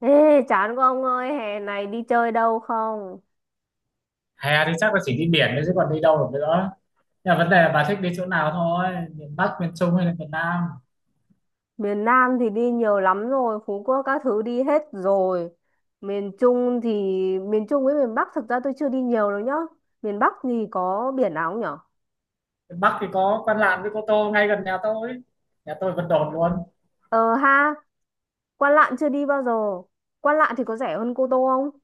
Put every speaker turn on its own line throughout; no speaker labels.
Ê, chán quá ông ơi, hè này đi chơi đâu không?
Hè thì chắc là chỉ đi biển thôi chứ còn đi đâu được nữa. Nhưng mà vấn đề là bà thích đi chỗ nào thôi, miền Bắc, miền Trung hay là miền Nam?
Miền Nam thì đi nhiều lắm rồi, Phú Quốc các thứ đi hết rồi. Miền Trung thì, miền Trung với miền Bắc thực ra tôi chưa đi nhiều đâu nhá. Miền Bắc thì có biển nào không nhở?
Miền Bắc thì có Văn Lãng với Cô Tô ngay gần nhà tôi, nhà tôi Vân Đồn luôn.
Ờ ha, Quan Lạn chưa đi bao giờ. Quan Lạn thì có rẻ hơn Cô Tô không?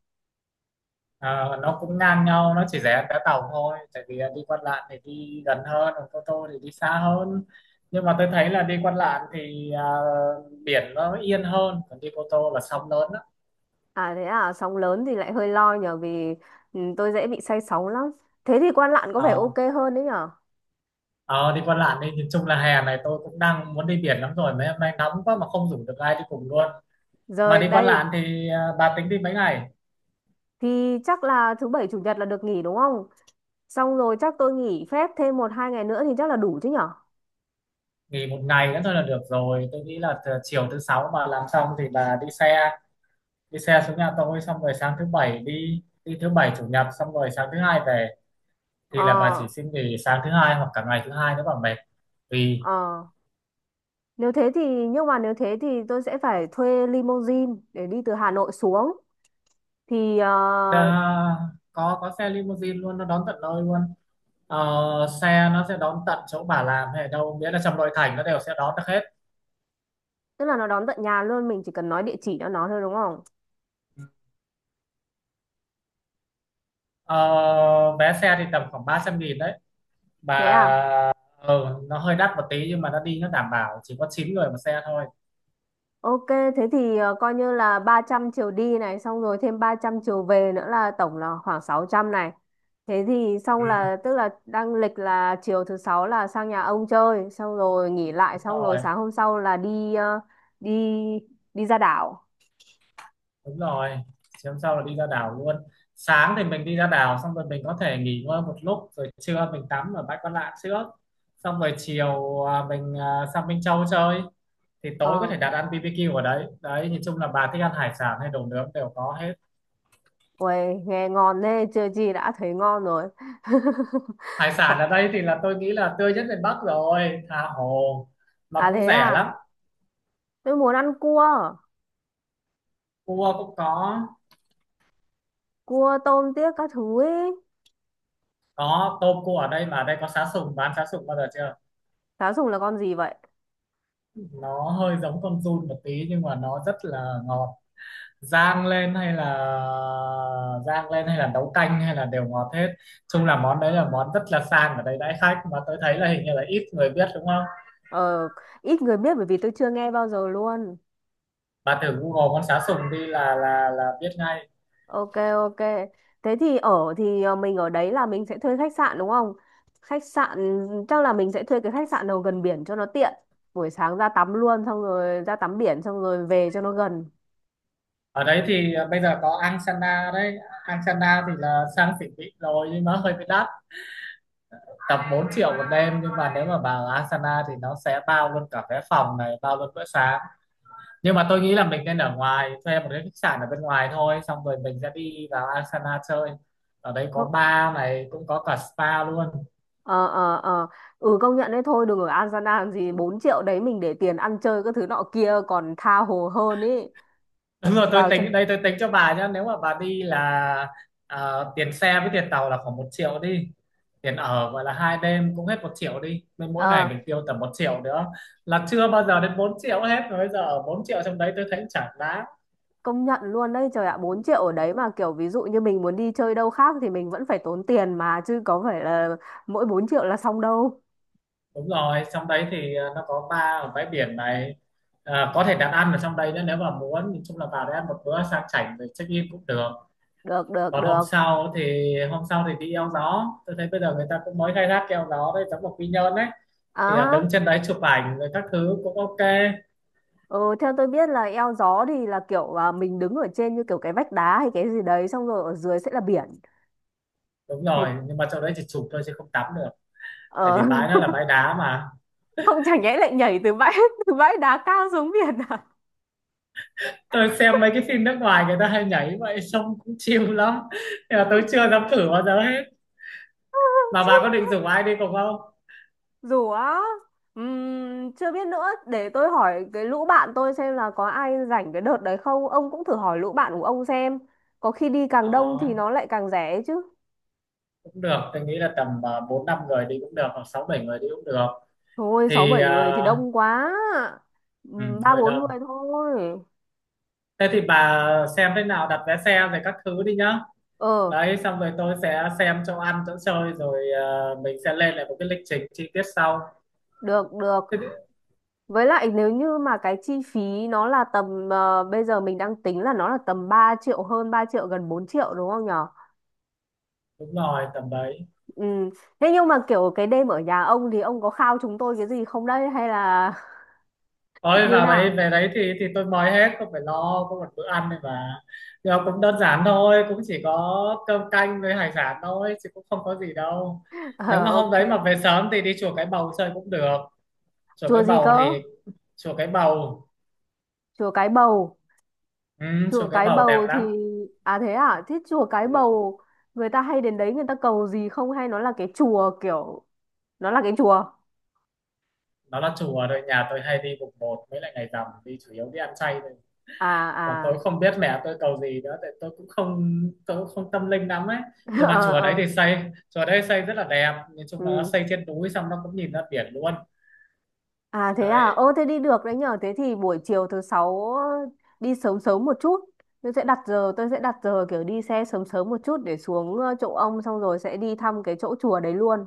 Ờ, nó cũng ngang nhau, nó chỉ rẻ vé tàu thôi, tại vì đi Quan Lạn thì đi gần hơn, còn Cô Tô thì đi xa hơn. Nhưng mà tôi thấy là đi Quan Lạn thì biển nó yên hơn, còn đi Cô Tô là sóng lớn đó.
À thế à, sóng lớn thì lại hơi lo nhở vì tôi dễ bị say sóng lắm. Thế thì Quan Lạn có vẻ
Ờ,
ok hơn đấy nhở?
ờ, đi Quan Lạn đi, nhìn chung là hè này tôi cũng đang muốn đi biển lắm rồi, mấy hôm nay nóng quá mà không rủ được ai đi cùng luôn. Mà
Rồi
đi Quan
đây
Lạn thì bà tính đi mấy ngày?
thì chắc là thứ bảy chủ nhật là được nghỉ đúng không? Xong rồi chắc tôi nghỉ phép thêm một hai ngày nữa thì chắc là đủ chứ nhở?
Nghỉ một ngày nữa thôi là được rồi. Tôi nghĩ là từ chiều thứ sáu bà làm xong thì bà đi xe xuống nhà tôi, xong rồi sáng thứ bảy đi, đi thứ bảy chủ nhật xong rồi sáng thứ hai về,
Ờ,
thì là bà chỉ xin nghỉ sáng thứ hai hoặc cả ngày thứ hai nếu bà mệt. Vì
ờ. Nếu thế thì, nhưng mà nếu thế thì tôi sẽ phải thuê limousine để đi từ Hà Nội xuống. Thì,
à,
ờ,
có xe limousine luôn, nó đón tận nơi luôn. Ờ, xe nó sẽ đón tận chỗ bà làm hay ở đâu, miễn là trong nội thành nó đều sẽ đón được hết.
tức là nó đón tận nhà luôn, mình chỉ cần nói địa chỉ cho nó thôi đúng không?
Ờ, vé xe thì tầm khoảng 300.000 đấy, và
Thế à?
nó hơi đắt một tí nhưng mà nó đi, nó đảm bảo chỉ có 9 người một xe thôi.
Ok, thế thì coi như là 300 chiều đi này, xong rồi thêm 300 chiều về nữa là tổng là khoảng 600 này. Thế thì xong
Ừ,
là tức là đang lịch là chiều thứ sáu là sang nhà ông chơi, xong rồi nghỉ lại,
đúng
xong rồi
rồi.
sáng hôm sau là đi đi ra đảo.
Đúng rồi, chiều hôm sau là đi ra đảo luôn. Sáng thì mình đi ra đảo xong rồi mình có thể nghỉ ngơi một lúc rồi trưa mình tắm ở bãi Quan Lạn trước, xong rồi chiều mình sang Minh Châu chơi, thì
Ờ,
tối có thể đặt ăn BBQ ở đấy đấy. Nhìn chung là bà thích ăn hải sản hay đồ nướng đều có hết.
uầy, nghe ngon thế, chưa gì đã thấy ngon rồi.
Hải sản
Còn-
ở đây thì là tôi nghĩ là tươi nhất miền Bắc rồi, tha hồ, mà
À
cũng
thế
rẻ lắm.
à, tôi muốn ăn cua,
Cua cũng có
cua tôm tiếc các thứ ấy.
có tôm cua ở đây mà. Ở đây có sá sùng, bán sá sùng bao giờ chưa?
Cá sùng là con gì vậy?
Nó hơi giống con giun một tí nhưng mà nó rất là ngọt. Rang lên hay là rang lên hay là nấu canh hay là đều ngọt hết. Chung là món đấy là món rất là sang, ở đây đãi khách mà, tôi thấy là hình như là ít người biết đúng không.
Ờ, ít người biết bởi vì tôi chưa nghe bao giờ luôn.
Bà thử Google con sá sùng đi là biết ngay.
Ok, ok. Thế thì ở thì ờ, mình ở đấy là mình sẽ thuê khách sạn đúng không? Khách sạn Chắc là mình sẽ thuê cái khách sạn nào gần biển cho nó tiện. Buổi sáng ra tắm luôn xong rồi ra tắm biển xong rồi về cho nó gần.
Ở đấy thì bây giờ có angsana đấy. Angsana thì là sang xịn mịn rồi nhưng mà hơi bị đắt, tầm 4 triệu một đêm, nhưng mà nếu mà vào Asana thì nó sẽ bao luôn cả vé phòng này, bao luôn bữa sáng. Nhưng mà tôi nghĩ là mình nên ở ngoài, thuê một cái khách sạn ở bên ngoài thôi, xong rồi mình sẽ đi vào Asana chơi. Ở đây có bar này, cũng có cả spa luôn.
Ờ ờ ờ. Ừ, công nhận đấy, thôi đừng ở An làm gì, 4 triệu đấy mình để tiền ăn chơi các thứ nọ kia còn tha hồ hơn ý.
Đúng rồi, tôi
Vào cho.
tính đây, tôi tính cho bà nhá. Nếu mà bà đi là tiền xe với tiền tàu là khoảng 1 triệu đi, tiền ở gọi là hai đêm cũng hết 1 triệu đi, nên mỗi ngày
Ờ.
mình tiêu tầm 1 triệu nữa là chưa bao giờ đến 4 triệu hết rồi. Bây giờ ở 4 triệu trong đấy tôi thấy chả đáng.
Công nhận luôn đấy, trời ạ, 4 triệu ở đấy mà kiểu ví dụ như mình muốn đi chơi đâu khác thì mình vẫn phải tốn tiền mà chứ có phải là mỗi 4 triệu là xong đâu.
Đúng rồi, trong đấy thì nó có bar ở bãi biển này, có thể đặt ăn ở trong đấy nữa nếu mà muốn. Nhìn chung là vào đấy ăn một bữa sang chảnh rồi check in cũng được.
Được được
Còn hôm
được.
sau thì đi eo gió. Tôi thấy bây giờ người ta cũng mới khai thác cái eo gió đấy, giống một quy nhơn đấy, thì đứng
À
trên đấy chụp ảnh rồi các thứ cũng ok.
ừ, theo tôi biết là eo gió thì là kiểu mình đứng ở trên như kiểu cái vách đá hay cái gì đấy xong rồi ở dưới sẽ là biển.
Đúng
Thế
rồi, nhưng mà trong đấy chỉ chụp thôi chứ không tắm được, tại
ờ,
vì bãi nó là bãi đá mà.
không chẳng nhẽ lại nhảy từ bãi từ bãi đá cao xuống biển à.
Tôi xem mấy cái phim nước ngoài người ta hay nhảy vậy, sông cũng chill lắm, nhưng mà tôi chưa dám thử bao giờ hết. Mà bà có định rủ ai đi cùng không?
Dù á, chưa biết nữa, để tôi hỏi cái lũ bạn tôi xem là có ai rảnh cái đợt đấy không. Ông cũng thử hỏi lũ bạn của ông xem. Có khi đi càng đông
Ờ.
thì nó lại càng rẻ ấy chứ.
Cũng được, tôi nghĩ là tầm bốn năm người đi cũng được, hoặc sáu bảy người đi cũng được,
Thôi, sáu
thì
bảy người thì đông quá.
ừ,
Ba
hơi
bốn
đông.
người thôi.
Thế thì bà xem thế nào đặt vé xe rồi các thứ đi nhá.
Ờ,
Đấy, xong rồi tôi sẽ xem chỗ ăn chỗ chơi, rồi mình sẽ lên lại một cái lịch trình chi tiết sau.
được, được.
Thế thì,
Với lại nếu như mà cái chi phí nó là bây giờ mình đang tính là nó là tầm 3 triệu hơn 3 triệu, gần 4 triệu đúng không nhở?
đúng rồi, tầm đấy.
Ừ. Thế nhưng mà kiểu cái đêm ở nhà ông thì ông có khao chúng tôi cái gì không đấy hay là
Ôi
như
vào đấy,
nào?
về đấy thì tôi mời hết, không phải lo, có một bữa ăn này mà, nhưng mà cũng đơn giản thôi, cũng chỉ có cơm canh với hải sản thôi chứ cũng không có gì đâu. Nếu
Ờ,
mà hôm
ok.
đấy mà về sớm thì đi chùa Cái Bầu chơi cũng được. Chùa Cái
Chùa gì
Bầu
cơ?
thì chùa Cái Bầu.
Chùa Cái Bầu.
Ừ,
Chùa
chùa Cái
Cái
Bầu đẹp
Bầu thì.
lắm.
À thế à, thế chùa Cái
Ừ.
Bầu người ta hay đến đấy người ta cầu gì không hay nó là cái chùa kiểu, nó là cái chùa.
Nó là chùa rồi, nhà tôi hay đi mùng một mấy lại ngày rằm, đi chủ yếu đi ăn chay thôi.
À,
Còn tôi
à.
không biết mẹ tôi cầu gì nữa, tại tôi cũng không tâm linh lắm ấy. Nhưng mà
Ờ,
chùa đấy
ờ.
thì xây, chùa đấy xây rất là đẹp. Nói chung là nó
Ừ.
xây trên núi xong nó cũng nhìn ra biển luôn.
À thế à,
Đấy.
ô thế đi được đấy nhở, thế thì buổi chiều thứ sáu đi sớm sớm một chút. Tôi sẽ đặt giờ kiểu đi xe sớm sớm một chút để xuống chỗ ông xong rồi sẽ đi thăm cái chỗ chùa đấy luôn.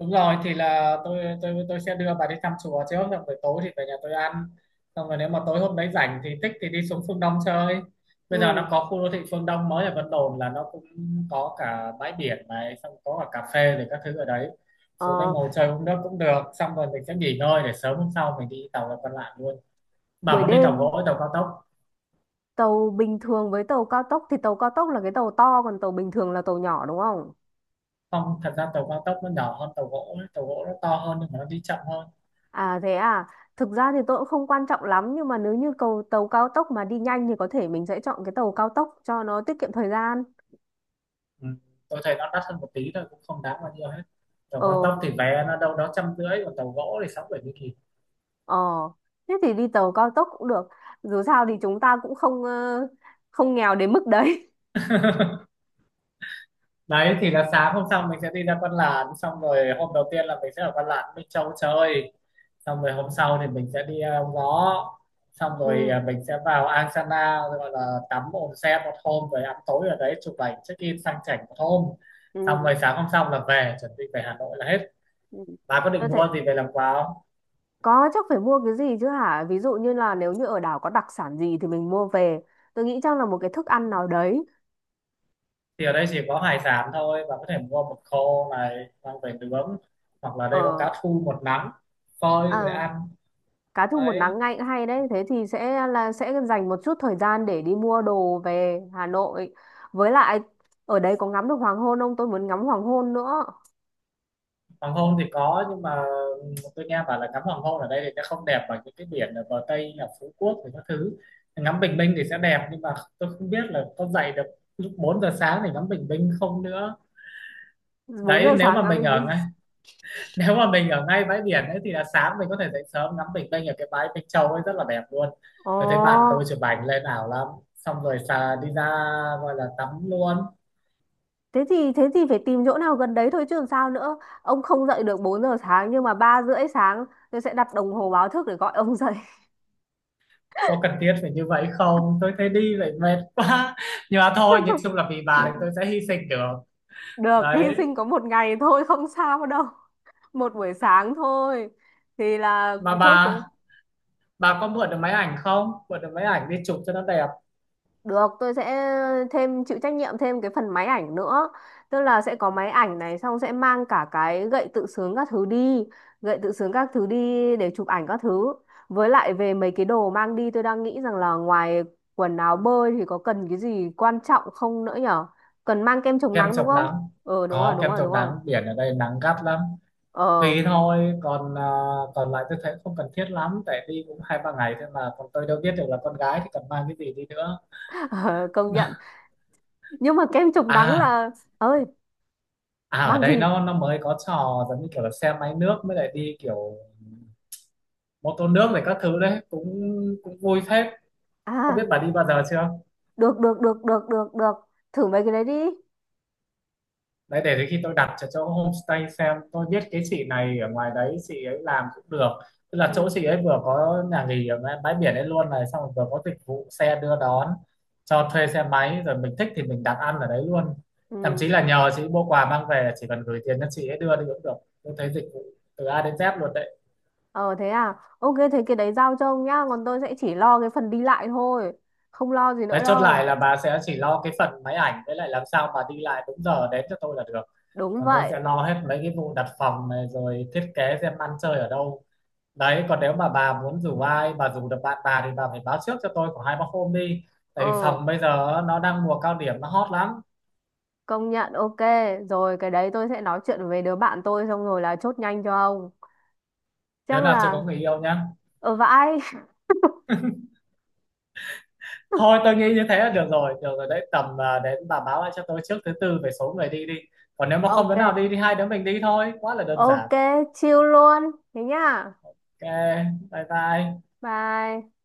Đúng rồi, thì là tôi sẽ đưa bà đi thăm chùa trước, xong rồi tối thì về nhà tôi ăn, xong rồi nếu mà tối hôm đấy rảnh thì thích thì đi xuống phương Đông chơi. Bây giờ
Ừ.
nó có khu đô thị phương Đông mới ở Vân Đồn, là nó cũng có cả bãi biển này, xong có cả cà phê rồi các thứ ở đấy. Xuống đây
Ờ,
ngồi chơi uống nước cũng được, xong rồi mình sẽ nghỉ ngơi để sớm hôm sau mình đi tàu là còn lại luôn. Bà
buổi
muốn đi tàu
đêm.
gỗ hay tàu cao tốc?
Tàu bình thường với tàu cao tốc thì tàu cao tốc là cái tàu to còn tàu bình thường là tàu nhỏ đúng không?
Không, thật ra tàu cao tốc nó nhỏ hơn tàu gỗ ấy. Tàu gỗ nó to hơn nhưng mà nó đi chậm hơn.
À thế à, thực ra thì tôi cũng không quan trọng lắm nhưng mà nếu như cầu tàu cao tốc mà đi nhanh thì có thể mình sẽ chọn cái tàu cao tốc cho nó tiết kiệm thời gian.
Ừ. Tôi thấy nó đắt hơn một tí thôi, cũng không đáng bao nhiêu hết. Tàu
Ờ,
cao tốc thì vé nó đâu đó 150, còn tàu gỗ thì sáu bảy mươi nghìn.
ờ, thế thì đi tàu cao tốc cũng được. Dù sao thì chúng ta cũng không nghèo đến mức đấy.
Đấy, thì là sáng hôm sau mình sẽ đi ra Văn Lãng, xong rồi hôm đầu tiên là mình sẽ ở Văn Lãng Minh Châu chơi, xong rồi hôm sau thì mình sẽ đi ông Gió, xong rồi
Ừ,
mình sẽ vào Ang Sana, gọi là tắm onsen một hôm rồi ăn tối ở đấy, chụp ảnh check in sang chảnh một hôm,
ừ,
xong rồi sáng hôm sau là về, chuẩn bị về Hà Nội là hết.
ừ.
Bà có
Tôi
định mua
thấy
gì về làm quà?
có chắc phải mua cái gì chứ hả? Ví dụ như là nếu như ở đảo có đặc sản gì thì mình mua về. Tôi nghĩ chắc là một cái thức ăn nào đấy.
Thì ở đây chỉ có hải sản thôi, bạn có thể mua mực khô này mang về nướng, hoặc là đây có
Ờ.
cá thu một nắng, phơi rồi
À,
ăn.
cá thu một
Đấy,
nắng ngay cũng hay đấy. Thế thì sẽ dành một chút thời gian để đi mua đồ về Hà Nội. Với lại ở đấy có ngắm được hoàng hôn không? Tôi muốn ngắm hoàng hôn nữa.
hoàng hôn thì có, nhưng mà tôi nghe bảo là ngắm hoàng hôn ở đây thì nó không đẹp bằng những cái biển ở bờ Tây là Phú Quốc thì các thứ. Ngắm bình minh thì sẽ đẹp, nhưng mà tôi không biết là có dậy được lúc 4 giờ sáng thì ngắm bình minh không nữa.
bốn
Đấy,
giờ sáng ngắm bình minh.
nếu mà mình ở ngay bãi biển ấy thì là sáng mình có thể dậy sớm ngắm bình minh ở cái bãi Minh Châu ấy, rất là đẹp luôn.
Ồ,
Tôi thấy bạn tôi chụp ảnh lên ảo lắm, xong rồi xà đi ra, gọi là tắm luôn.
thế thì phải tìm chỗ nào gần đấy thôi chứ làm sao nữa. Ông không dậy được 4 giờ sáng nhưng mà 3 rưỡi sáng tôi sẽ đặt đồng hồ báo thức để gọi ông dậy.
Có cần thiết phải như vậy không, tôi thấy đi vậy mệt quá. Nhưng mà thôi, nhìn chung là vì bà thì tôi sẽ hy sinh được.
Được, hy
Đấy,
sinh có một ngày thôi không sao đâu. Một buổi sáng thôi. Thì là
mà
chốt cái.
bà có mượn được máy ảnh không, mượn được máy ảnh đi chụp cho nó đẹp.
Được, tôi sẽ thêm chịu trách nhiệm thêm cái phần máy ảnh nữa. Tức là sẽ có máy ảnh này xong sẽ mang cả cái gậy tự sướng các thứ đi, gậy tự sướng các thứ đi để chụp ảnh các thứ. Với lại về mấy cái đồ mang đi tôi đang nghĩ rằng là ngoài quần áo bơi thì có cần cái gì quan trọng không nữa nhở? Cần mang kem chống
Kem
nắng đúng
chống
không?
nắng,
Ờ, đúng rồi,
có
đúng
kem
rồi,
chống
đúng rồi.
nắng, biển ở đây nắng gắt lắm.
Ờ,
Tùy thôi, còn còn lại tôi thấy không cần thiết lắm, tại đi cũng hai ba ngày thôi mà, còn tôi đâu biết được là con gái thì cần mang cái gì đi nữa.
ờ, công nhận. Nhưng mà kem chống nắng
À,
là ơi,
à, ở
mang
đây
gì?
nó mới có trò giống như kiểu là xe máy nước, mới lại đi kiểu mô tô nước này các thứ, đấy cũng cũng vui phết. Không biết
À,
bà đi bao giờ chưa.
được được được được được được. Thử mấy cái đấy đi.
Đấy, để đến khi tôi đặt cho chỗ homestay, xem tôi biết cái chị này ở ngoài đấy, chị ấy làm cũng được. Tức là chỗ
Ừ.
chị ấy vừa có nhà nghỉ ở ngay bãi biển ấy luôn này, xong rồi vừa có dịch vụ xe đưa đón, cho thuê xe máy, rồi mình thích thì mình đặt ăn ở đấy luôn. Thậm
Ừ.
chí là nhờ chị mua quà mang về, chỉ cần gửi tiền cho chị ấy đưa đi cũng được. Tôi thấy dịch vụ từ A đến Z luôn đấy.
Ờ thế à? Ok, thế cái đấy giao cho ông nhá, còn tôi sẽ chỉ lo cái phần đi lại thôi, không lo gì
Đấy,
nữa
chốt lại
đâu.
là bà sẽ chỉ lo cái phần máy ảnh, với lại làm sao bà đi lại đúng giờ đến cho tôi là được.
Đúng
Còn tôi
vậy.
sẽ lo hết mấy cái vụ đặt phòng này, rồi thiết kế xem ăn chơi ở đâu. Đấy, còn nếu mà bà muốn rủ ai, bà rủ được bạn bà thì bà phải báo trước cho tôi khoảng hai ba hôm đi, tại vì
Ừ,
phòng bây giờ nó đang mùa cao điểm, nó hot lắm.
công nhận ok. Rồi cái đấy tôi sẽ nói chuyện với đứa bạn tôi xong rồi là chốt nhanh cho ông.
Đứa
Chắc
nào chưa có
là
người yêu nhá.
ở vãi.
Thôi tôi nghĩ như thế là được rồi, đấy tầm đến bà báo lại cho tôi trước thứ tư về số người đi đi. Còn nếu mà không đứa
Ok.
nào đi thì hai đứa mình đi thôi, quá là đơn giản.
Ok, chill luôn. Thế nhá.
Ok, bye bye.
Bye.